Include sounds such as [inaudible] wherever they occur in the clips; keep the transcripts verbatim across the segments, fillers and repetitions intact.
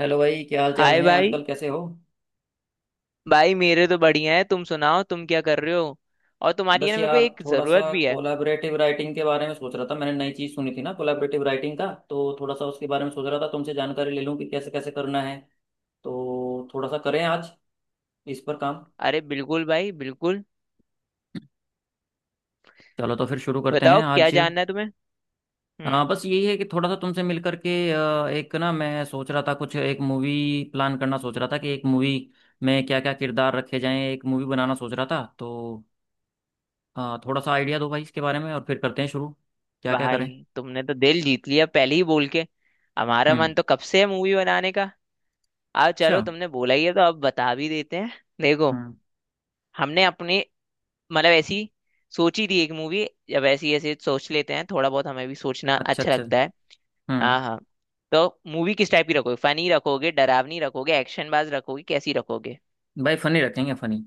Hello भाई, क्या हाल चाल हाय है? भाई। आजकल कैसे हो? भाई मेरे तो बढ़िया है, तुम सुनाओ तुम क्या कर रहे हो? और तुम्हारी है बस ना, मेरे को यार, एक थोड़ा जरूरत सा भी है। कोलाबरेटिव राइटिंग के बारे में सोच रहा था। मैंने नई चीज़ सुनी थी ना कोलाबरेटिव राइटिंग का, तो थोड़ा सा उसके बारे में सोच रहा था तुमसे जानकारी ले लूँ कि कैसे कैसे करना है। तो थोड़ा सा करें आज इस पर काम। अरे बिल्कुल भाई बिल्कुल। चलो तो फिर शुरू करते हैं बताओ क्या आज। जानना है तुम्हें। हम्म। हाँ, बस यही है कि थोड़ा सा तुमसे मिल करके अ, एक ना मैं सोच रहा था कुछ एक मूवी प्लान करना। सोच रहा था कि एक मूवी में क्या क्या किरदार रखे जाएं, एक मूवी बनाना सोच रहा था। तो हाँ, थोड़ा सा आइडिया दो भाई इसके बारे में और फिर करते हैं शुरू। क्या क्या भाई करें? तुमने तो दिल जीत लिया पहले ही बोल के। हमारा हम्म। मन तो कब से है मूवी बनाने का। अब अच्छा। चलो तुमने बोला ही है तो अब बता भी देते हैं। देखो। हम्म। हमने अपने मतलब ऐसी सोची थी एक मूवी। जब ऐसी ऐसे सोच लेते हैं थोड़ा बहुत हमें भी सोचना अच्छा अच्छा अच्छा। लगता है। हम्म। हाँ हाँ। तो मूवी किस टाइप की रखोगे, फनी रखोगे, डरावनी रखोगे, एक्शन बाज रखोगे, कैसी रखोगे? भाई फनी रखेंगे, फनी।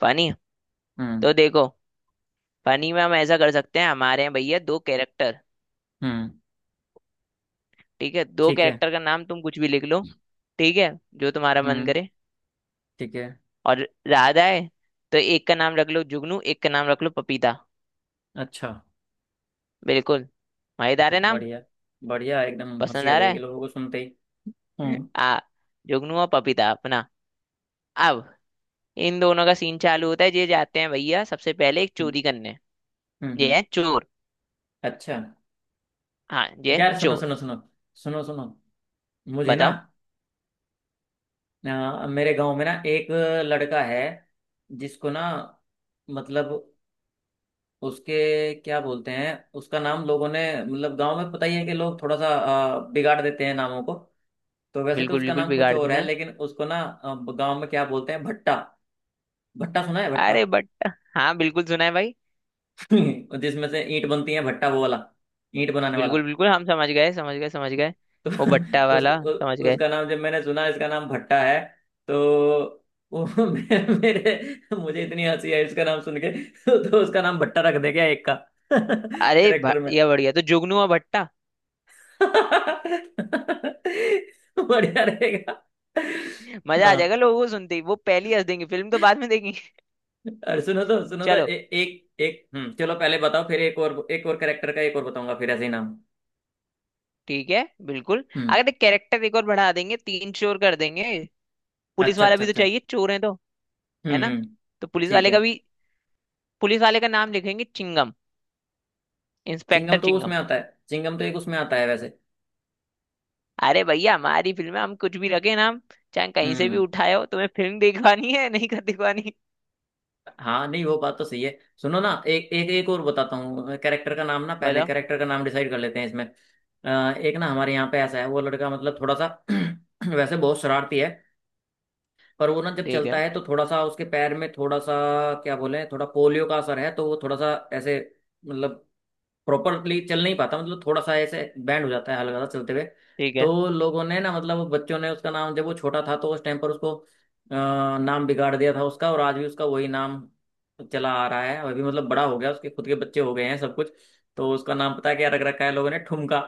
फनी। हम्म। तो देखो फनी में हम ऐसा कर सकते हैं, हमारे हैं भैया दो कैरेक्टर। हम्म। ठीक है, दो ठीक है। कैरेक्टर का नाम तुम कुछ भी लिख लो। ठीक है। जो तुम्हारा मन हम्म। करे। ठीक है। और ज्यादा है तो एक का नाम रख लो जुगनू, एक का नाम रख लो पपीता। अच्छा। बिल्कुल। मजेदार है नाम। बढ़िया। बढ़िया, एकदम हंसी पसंद आ आ जाएगी रहा लोगों को सुनते ही। है। [laughs] हम्म। आ जुगनू और पपीता अपना। अब इन दोनों का सीन चालू होता है, ये जाते हैं भैया सबसे पहले एक हम्म। चोरी करने। हम्म। हम्म। ये है चोर। अच्छा। हाँ ये यार सुनो चोर। सुनो सुनो। सुनो सुनो। मुझे ना बताओ। अ, मेरे गांव में ना एक लड़का है जिसको ना, मतलब उसके क्या बोलते हैं, उसका नाम लोगों ने, मतलब गांव में पता ही है कि लोग थोड़ा सा अ, बिगाड़ देते हैं नामों को। तो वैसे तो बिल्कुल उसका बिल्कुल नाम कुछ बिगाड़ और देते है, हैं। लेकिन उसको ना गांव में क्या बोलते हैं, भट्टा। भट्टा, सुना है? भट्टा। अरे बट। हाँ बिल्कुल सुना है भाई। [laughs] जिसमें से ईंट बनती है, भट्टा वो वाला, ईंट बनाने वाला। बिल्कुल बिल्कुल हम समझ गए, समझ गए, समझ गए। तो वो भट्टा [laughs] उस वाला समझ उ, गए। उसका नाम जब मैंने सुना, इसका नाम भट्टा है, तो वो [laughs] मे- मेरे मुझे इतनी हंसी आई उसका नाम सुन के। [laughs] तो उसका नाम भट्टा रख दे गया एक का [laughs] अरे भ- कैरेक्टर में। ये बढ़िया, तो जुगनू और भट्टा। [laughs] बढ़िया रहेगा। मजा आ हाँ, जाएगा लोगों को सुनते ही, वो पहली ही हंस देंगे, फिल्म तो बाद में देखेंगे। और सुनो तो, [laughs] सुनो तो चलो। ए, एक एक, हम्म, चलो पहले बताओ फिर एक और, एक और करेक्टर का एक और बताऊंगा फिर ऐसे ही नाम। ठीक है बिल्कुल, हम्म। अगर कैरेक्टर एक और बढ़ा देंगे तीन चोर कर देंगे। पुलिस अच्छा वाला अच्छा भी तो अच्छा। चाहिए चोर है तो। है हम्म। ना। हम्म। तो पुलिस ठीक वाले है। का भी। पुलिस वाले का नाम लिखेंगे चिंगम चिंगम इंस्पेक्टर। तो उसमें आता है, चिंगम तो एक उसमें आता है वैसे। अरे भैया हमारी फिल्म में हम कुछ भी रखे ना, हम चाहे कहीं से भी हम्म। उठाए हो, तुम्हें फिल्म दिखवानी है नहीं कर दिखवानी। हाँ नहीं, वो बात तो सही है। सुनो ना, एक एक एक और बताता हूँ कैरेक्टर का नाम ना, पहले बताओ। कैरेक्टर का नाम डिसाइड कर लेते हैं इसमें। अ, एक ना हमारे यहाँ पे ऐसा है, वो लड़का, मतलब थोड़ा सा [clears throat] वैसे बहुत शरारती है, पर वो ना जब ठीक चलता है। है तो थोड़ा सा उसके पैर में थोड़ा सा, क्या बोले, थोड़ा पोलियो का असर है, तो वो थोड़ा सा ऐसे, मतलब प्रॉपरली चल नहीं पाता, मतलब थोड़ा सा ऐसे बैंड हो जाता है हल्का सा चलते हुए। ठीक है तो लोगों ने ना, मतलब बच्चों ने उसका नाम, जब वो छोटा था तो उस टाइम पर उसको अ, नाम बिगाड़ दिया था उसका, और आज भी उसका वही नाम चला आ रहा है। अभी, मतलब बड़ा हो गया, उसके खुद के बच्चे हो गए हैं सब कुछ, तो उसका नाम पता है क्या रख रखा है लोगों ने? ठुमका।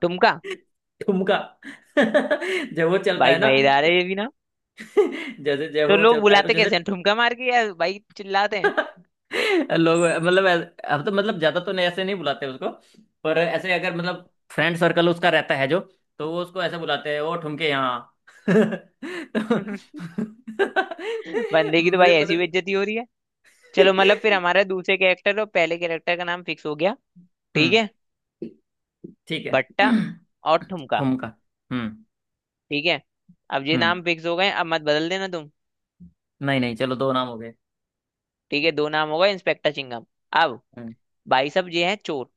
ठुमका। ठुमका। [laughs] जब वो चलता भाई है ना मजेदार तो है ये भी ना। [laughs] जैसे जब तो वो लोग चलता है तो बुलाते जैसे कैसे हैं ठुमका मार के या भाई चिल्लाते हैं? [laughs] लोग, मतलब ऐसे- अब तो मतलब ज्यादा तो नहीं ऐसे नहीं बुलाते उसको, पर ऐसे अगर मतलब फ्रेंड सर्कल उसका रहता है जो, तो वो उसको ऐसे बुलाते हैं, वो ठुमके यहाँ [laughs] तो [laughs] [laughs] बंदे की तो मुझे भाई पता। ऐसी बेइज्जती हो रही है। चलो मतलब फिर हमारा [laughs] दूसरे कैरेक्टर और पहले कैरेक्टर का नाम फिक्स हो गया। ठीक हम्म। है। ठीक है। भट्टा और [clears throat] ठुमका। ठुमका। हम्म। ठीक है। अब ये हम्म। नाम फिक्स हो गए, अब मत बदल देना तुम। नहीं नहीं, चलो दो नाम हो गए। ठीक है दो नाम हो गए, इंस्पेक्टर चिंगम। अब हम्म। भाई साहब ये है चोर।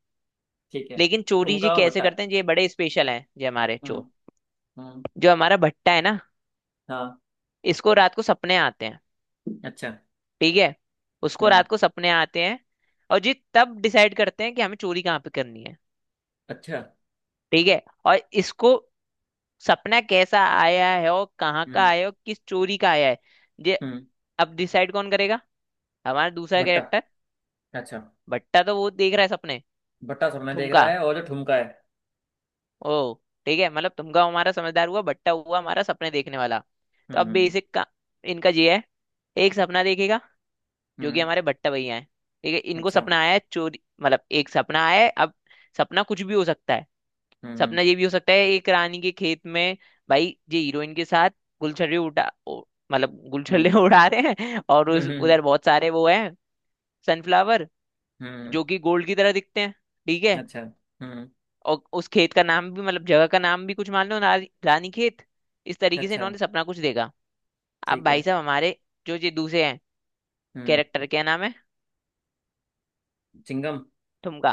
ठीक है। लेकिन चोरी जी ठुमका और कैसे भट्टा। करते हैं, ये बड़े स्पेशल हैं ये हमारे चोर। हम्म। हम्म। जो हमारा भट्टा है ना, हाँ। इसको रात को सपने आते हैं। अच्छा। ठीक है। उसको हम्म। रात को सपने आते हैं और जी तब डिसाइड करते हैं कि हमें चोरी कहाँ पे करनी है। अच्छा। ठीक है। और इसको सपना कैसा आया है और कहाँ का हम्म। आया है और किस चोरी का आया है, ये हम्म। अब डिसाइड कौन करेगा? हमारा दूसरा भट्टा। कैरेक्टर। अच्छा। भट्टा तो वो देख रहा है सपने। भट्टा सबने देख तुमका। रहा है, और जो ठुमका है। ओ ठीक है, मतलब तुमका हमारा समझदार हुआ, भट्टा हुआ हमारा सपने देखने वाला। हम्म। तो अब हम्म। बेसिक का इनका ये है, एक सपना देखेगा जो कि हम्म। हमारे भट्टा भैया हैं। ठीक है, इनको अच्छा। सपना आया है चोरी, मतलब एक सपना आया है। अब सपना कुछ भी हो सकता है। हम्म। सपना ये भी हो सकता है एक रानी के खेत में भाई, ये हीरोइन के साथ गुलछर्रे उठा ओ- मतलब गुलछर्रे हम्म। [laughs] उड़ा रहे हैं और उस हम्म। हम्म। उधर बहुत सारे वो हैं सनफ्लावर, हम्म। जो कि गोल्ड की तरह दिखते हैं। ठीक है। अच्छा। हम्म। और उस खेत का नाम भी मतलब जगह का नाम भी कुछ मान लो रानी, रानी खेत, इस तरीके से अच्छा। इन्होंने सपना कुछ देखा। अब ठीक भाई है। साहब हमारे जो ये दूसरे हैं हम्म। कैरेक्टर, क्या नाम है? चिंगम। थुमका।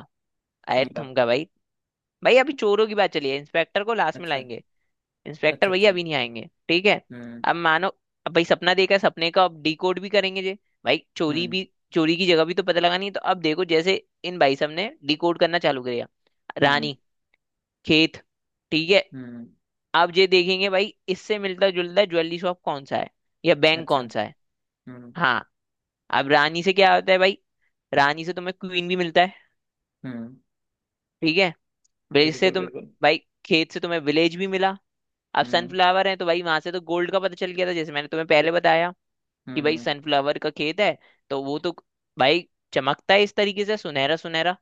अरे ठुमका। थुमका भाई, भाई अभी चोरों की बात चली है, इंस्पेक्टर को लास्ट में अच्छा लाएंगे। इंस्पेक्टर अच्छा भैया अच्छा। अभी नहीं आएंगे। ठीक है। हम्म। अब मानो अब भाई सपना देखा है, सपने का अब डिकोड भी करेंगे जे, भाई चोरी हम्म। भी, चोरी की जगह भी तो पता लगानी है, तो अब देखो जैसे इन भाई साहब ने डिकोड करना चालू किया। हम्म। रानी खेत। ठीक है। हम्म। अब ये देखेंगे भाई इससे मिलता जुलता ज्वेलरी शॉप कौन सा है या बैंक अच्छा। कौन सा है। हम्म। हाँ, अब रानी से क्या होता है भाई, रानी से तुम्हें क्वीन भी मिलता है। हम्म। ठीक है। विलेज से बिल्कुल तुम, बिल्कुल। भाई खेत से तुम्हें विलेज भी मिला। अब हम्म। सनफ्लावर है तो भाई वहां से तो गोल्ड का पता चल गया था, जैसे मैंने तुम्हें पहले बताया हम्म। कि भाई हम्म। सनफ्लावर का खेत है तो वो तो भाई चमकता है इस तरीके से सुनहरा सुनहरा।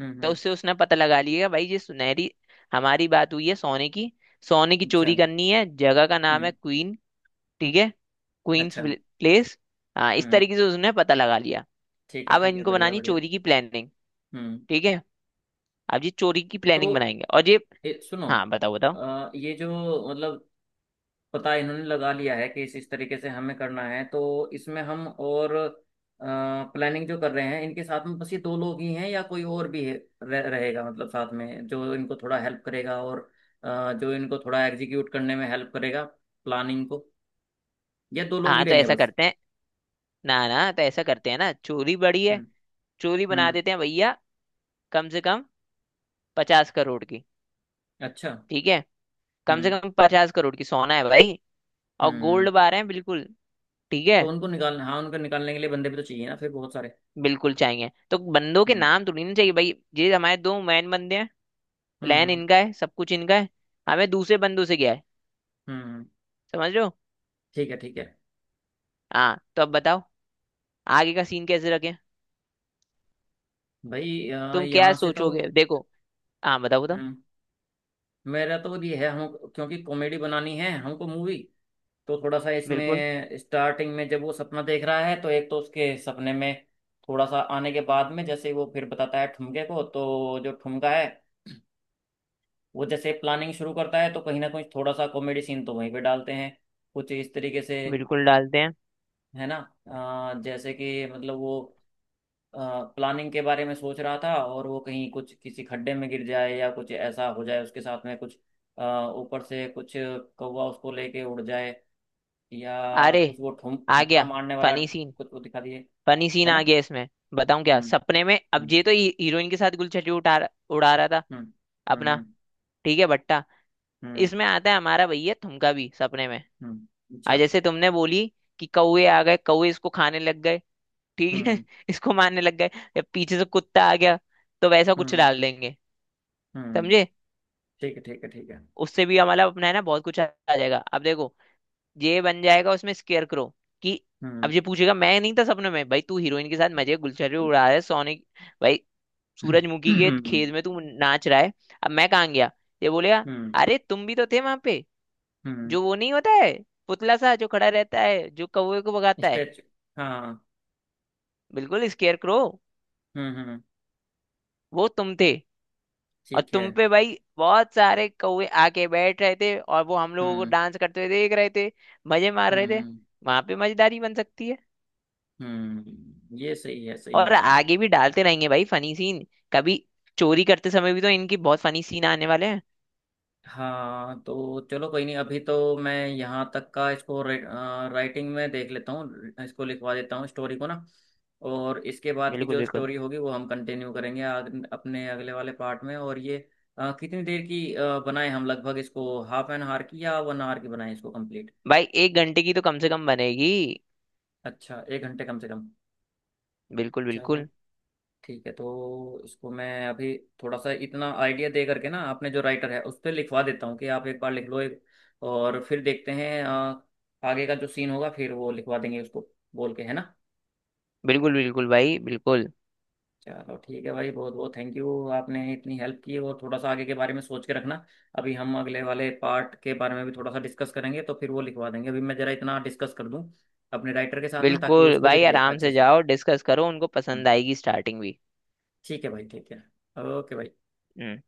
हम्म। तो हम्म। उससे उसने पता लगा लिया भाई ये सुनहरी हमारी बात हुई है सोने की, सोने की अच्छा। चोरी करनी है, जगह का नाम है हम्म। क्वीन। ठीक है। क्वींस अच्छा। प्लेस। हाँ, इस हम्म। तरीके से उसने पता लगा लिया। ठीक है अब ठीक है। इनको बढ़िया बनानी बढ़िया। चोरी की प्लानिंग। हम्म। ठीक है। अब ये चोरी की प्लानिंग तो बनाएंगे और ये ए, सुनो। हाँ बताओ बताओ, अ, ये जो, मतलब पता इन्होंने लगा लिया है कि इस इस तरीके से हमें करना है, तो इसमें हम और प्लानिंग जो कर रहे हैं, इनके साथ में बस ये दो लोग ही हैं या कोई और भी है, रह, रहेगा, मतलब साथ में जो इनको थोड़ा हेल्प करेगा, और अ, जो इनको थोड़ा एग्जीक्यूट करने में हेल्प करेगा प्लानिंग को, या दो लोग ही हाँ तो रहेंगे ऐसा बस? करते हैं। ना ना, तो ऐसा करते हैं ना, चोरी बड़ी है, हम्म। चोरी बना हम्म। देते हैं भैया कम से कम पचास करोड़ की। अच्छा। ठीक है। कम से हम्म। कम पचास करोड़ की सोना है भाई, और हम्म। गोल्ड हम्म। बार है। बिल्कुल। ठीक है। तो उनको निकालना, हाँ उनको निकालने के लिए बंदे भी तो चाहिए ना फिर बहुत सारे। बिल्कुल चाहिए, तो बंदों के हम्म। नाम तो नहीं चाहिए भाई, ये हमारे दो मैन बंदे हैं, हम्म। प्लान हम्म। इनका है, सब कुछ इनका है, हमें दूसरे बंदों से गया है, हम्म। हम्म। समझ लो। ठीक है ठीक है। हाँ तो अब बताओ आगे का सीन कैसे रखें, भाई अ, तुम क्या यहाँ से तो, सोचोगे देखो। हाँ बताओ बताओ। हम्म, मेरा तो ये है, हम क्योंकि कॉमेडी बनानी है हमको मूवी, तो थोड़ा सा बिल्कुल, इसमें स्टार्टिंग में जब वो सपना देख रहा है तो एक तो उसके सपने में थोड़ा सा आने के बाद में जैसे वो फिर बताता है ठुमके को, तो जो ठुमका है वो जैसे प्लानिंग शुरू करता है तो कहीं ना कहीं थोड़ा सा कॉमेडी सीन तो वहीं पे डालते हैं कुछ इस तरीके से, बिल्कुल डालते हैं। है ना? अ, जैसे कि मतलब वो प्लानिंग के बारे में सोच रहा था और वो कहीं कुछ किसी खड्डे में गिर जाए या कुछ ऐसा हो जाए उसके साथ में कुछ, अ, ऊपर से कुछ कौवा उसको लेके उड़ जाए, या अरे कुछ वो ठुम आ गया ठुमका मारने वाला फनी सीन, कुछ वो दिखा दिए, फनी सीन है आ ना? गया इसमें। बताऊं, क्या हम्म। सपने में अब हम्म। ये तो ही- हीरोइन के साथ गुलछटी उठा रहा- उड़ा रहा था हम्म। हम्म। अपना। हम्म। ठीक है भट्टा, हम्म। इसमें आता है हमारा भैया तुमका भी सपने में। हम्म। आज अच्छा। जैसे तुमने बोली कि कौवे आ गए, कौवे इसको खाने लग गए। ठीक है हम्म। [laughs] इसको मारने लग गए, या पीछे से कुत्ता आ गया, तो वैसा कुछ हम्म। डाल देंगे। हम्म। समझे। ठीक है ठीक है ठीक है। उससे भी हमारा अपना है ना, बहुत कुछ आ आ जाएगा। अब देखो ये बन जाएगा, उसमें स्केयर करो कि अब हम्म। ये पूछेगा, मैं नहीं था सपने में, भाई तू हीरोइन के साथ मजे गुलछटी उड़ा रहा है सोने, भाई सूरजमुखी के हम्म। खेत में तू नाच रहा है, अब मैं कहाँ गया? ये बोलेगा हम्म। अरे तुम भी तो थे वहां पे, हम्म। जो वो नहीं होता है पुतला सा जो खड़ा रहता है जो कौवे को भगाता है, स्टेच। हाँ। बिल्कुल स्केयर करो, हम्म। हम्म। वो तुम थे। और ठीक है। तुम पे भाई बहुत सारे कौवे आके बैठ रहे थे और वो हम लोगों को हम्म। डांस करते हुए देख रहे थे, मजे मार हम्म। रहे थे। हम्म। वहां पे मजेदारी बन सकती है। हम्म ये सही है सही और है सही है। आगे भी डालते रहेंगे भाई फनी सीन। कभी चोरी करते समय भी तो इनकी बहुत फनी सीन आने वाले हैं। हाँ तो चलो, कोई नहीं, अभी तो मैं यहाँ तक का इसको रे- अ, राइटिंग में देख लेता हूँ, इसको लिखवा देता हूँ स्टोरी को ना। और इसके बाद की बिल्कुल। जो बिल्कुल स्टोरी होगी वो हम कंटिन्यू करेंगे आग, अपने अगले वाले पार्ट में। और ये अ, कितनी देर की अ, बनाएं हम लगभग इसको, हाफ एन आवर की या वन आवर की बनाएं इसको कंप्लीट? भाई एक घंटे की तो कम से कम बनेगी। अच्छा, एक घंटे कम से कम। बिल्कुल चलो बिल्कुल। ठीक है, तो इसको मैं अभी थोड़ा सा इतना आइडिया दे करके ना आपने जो राइटर है उस पर लिखवा देता हूँ कि आप एक बार लिख लो एक, और फिर देखते हैं अ, आगे का जो सीन होगा फिर वो लिखवा देंगे उसको बोल के, है ना? बिल्कुल बिल्कुल भाई बिल्कुल। चलो ठीक है भाई, बहुत बहुत थैंक यू, आपने इतनी हेल्प की। और थोड़ा सा आगे के बारे में सोच के रखना, अभी हम अगले वाले पार्ट के बारे में भी थोड़ा सा डिस्कस करेंगे, तो फिर वो लिखवा देंगे। अभी मैं जरा इतना डिस्कस कर दूँ अपने राइटर के साथ में, ताकि वो बिल्कुल इसको भाई लिख ले आराम अच्छे से से। जाओ, डिस्कस करो, उनको हम्म। पसंद आएगी स्टार्टिंग भी। ठीक है भाई ठीक है। ओके भाई। हम्म।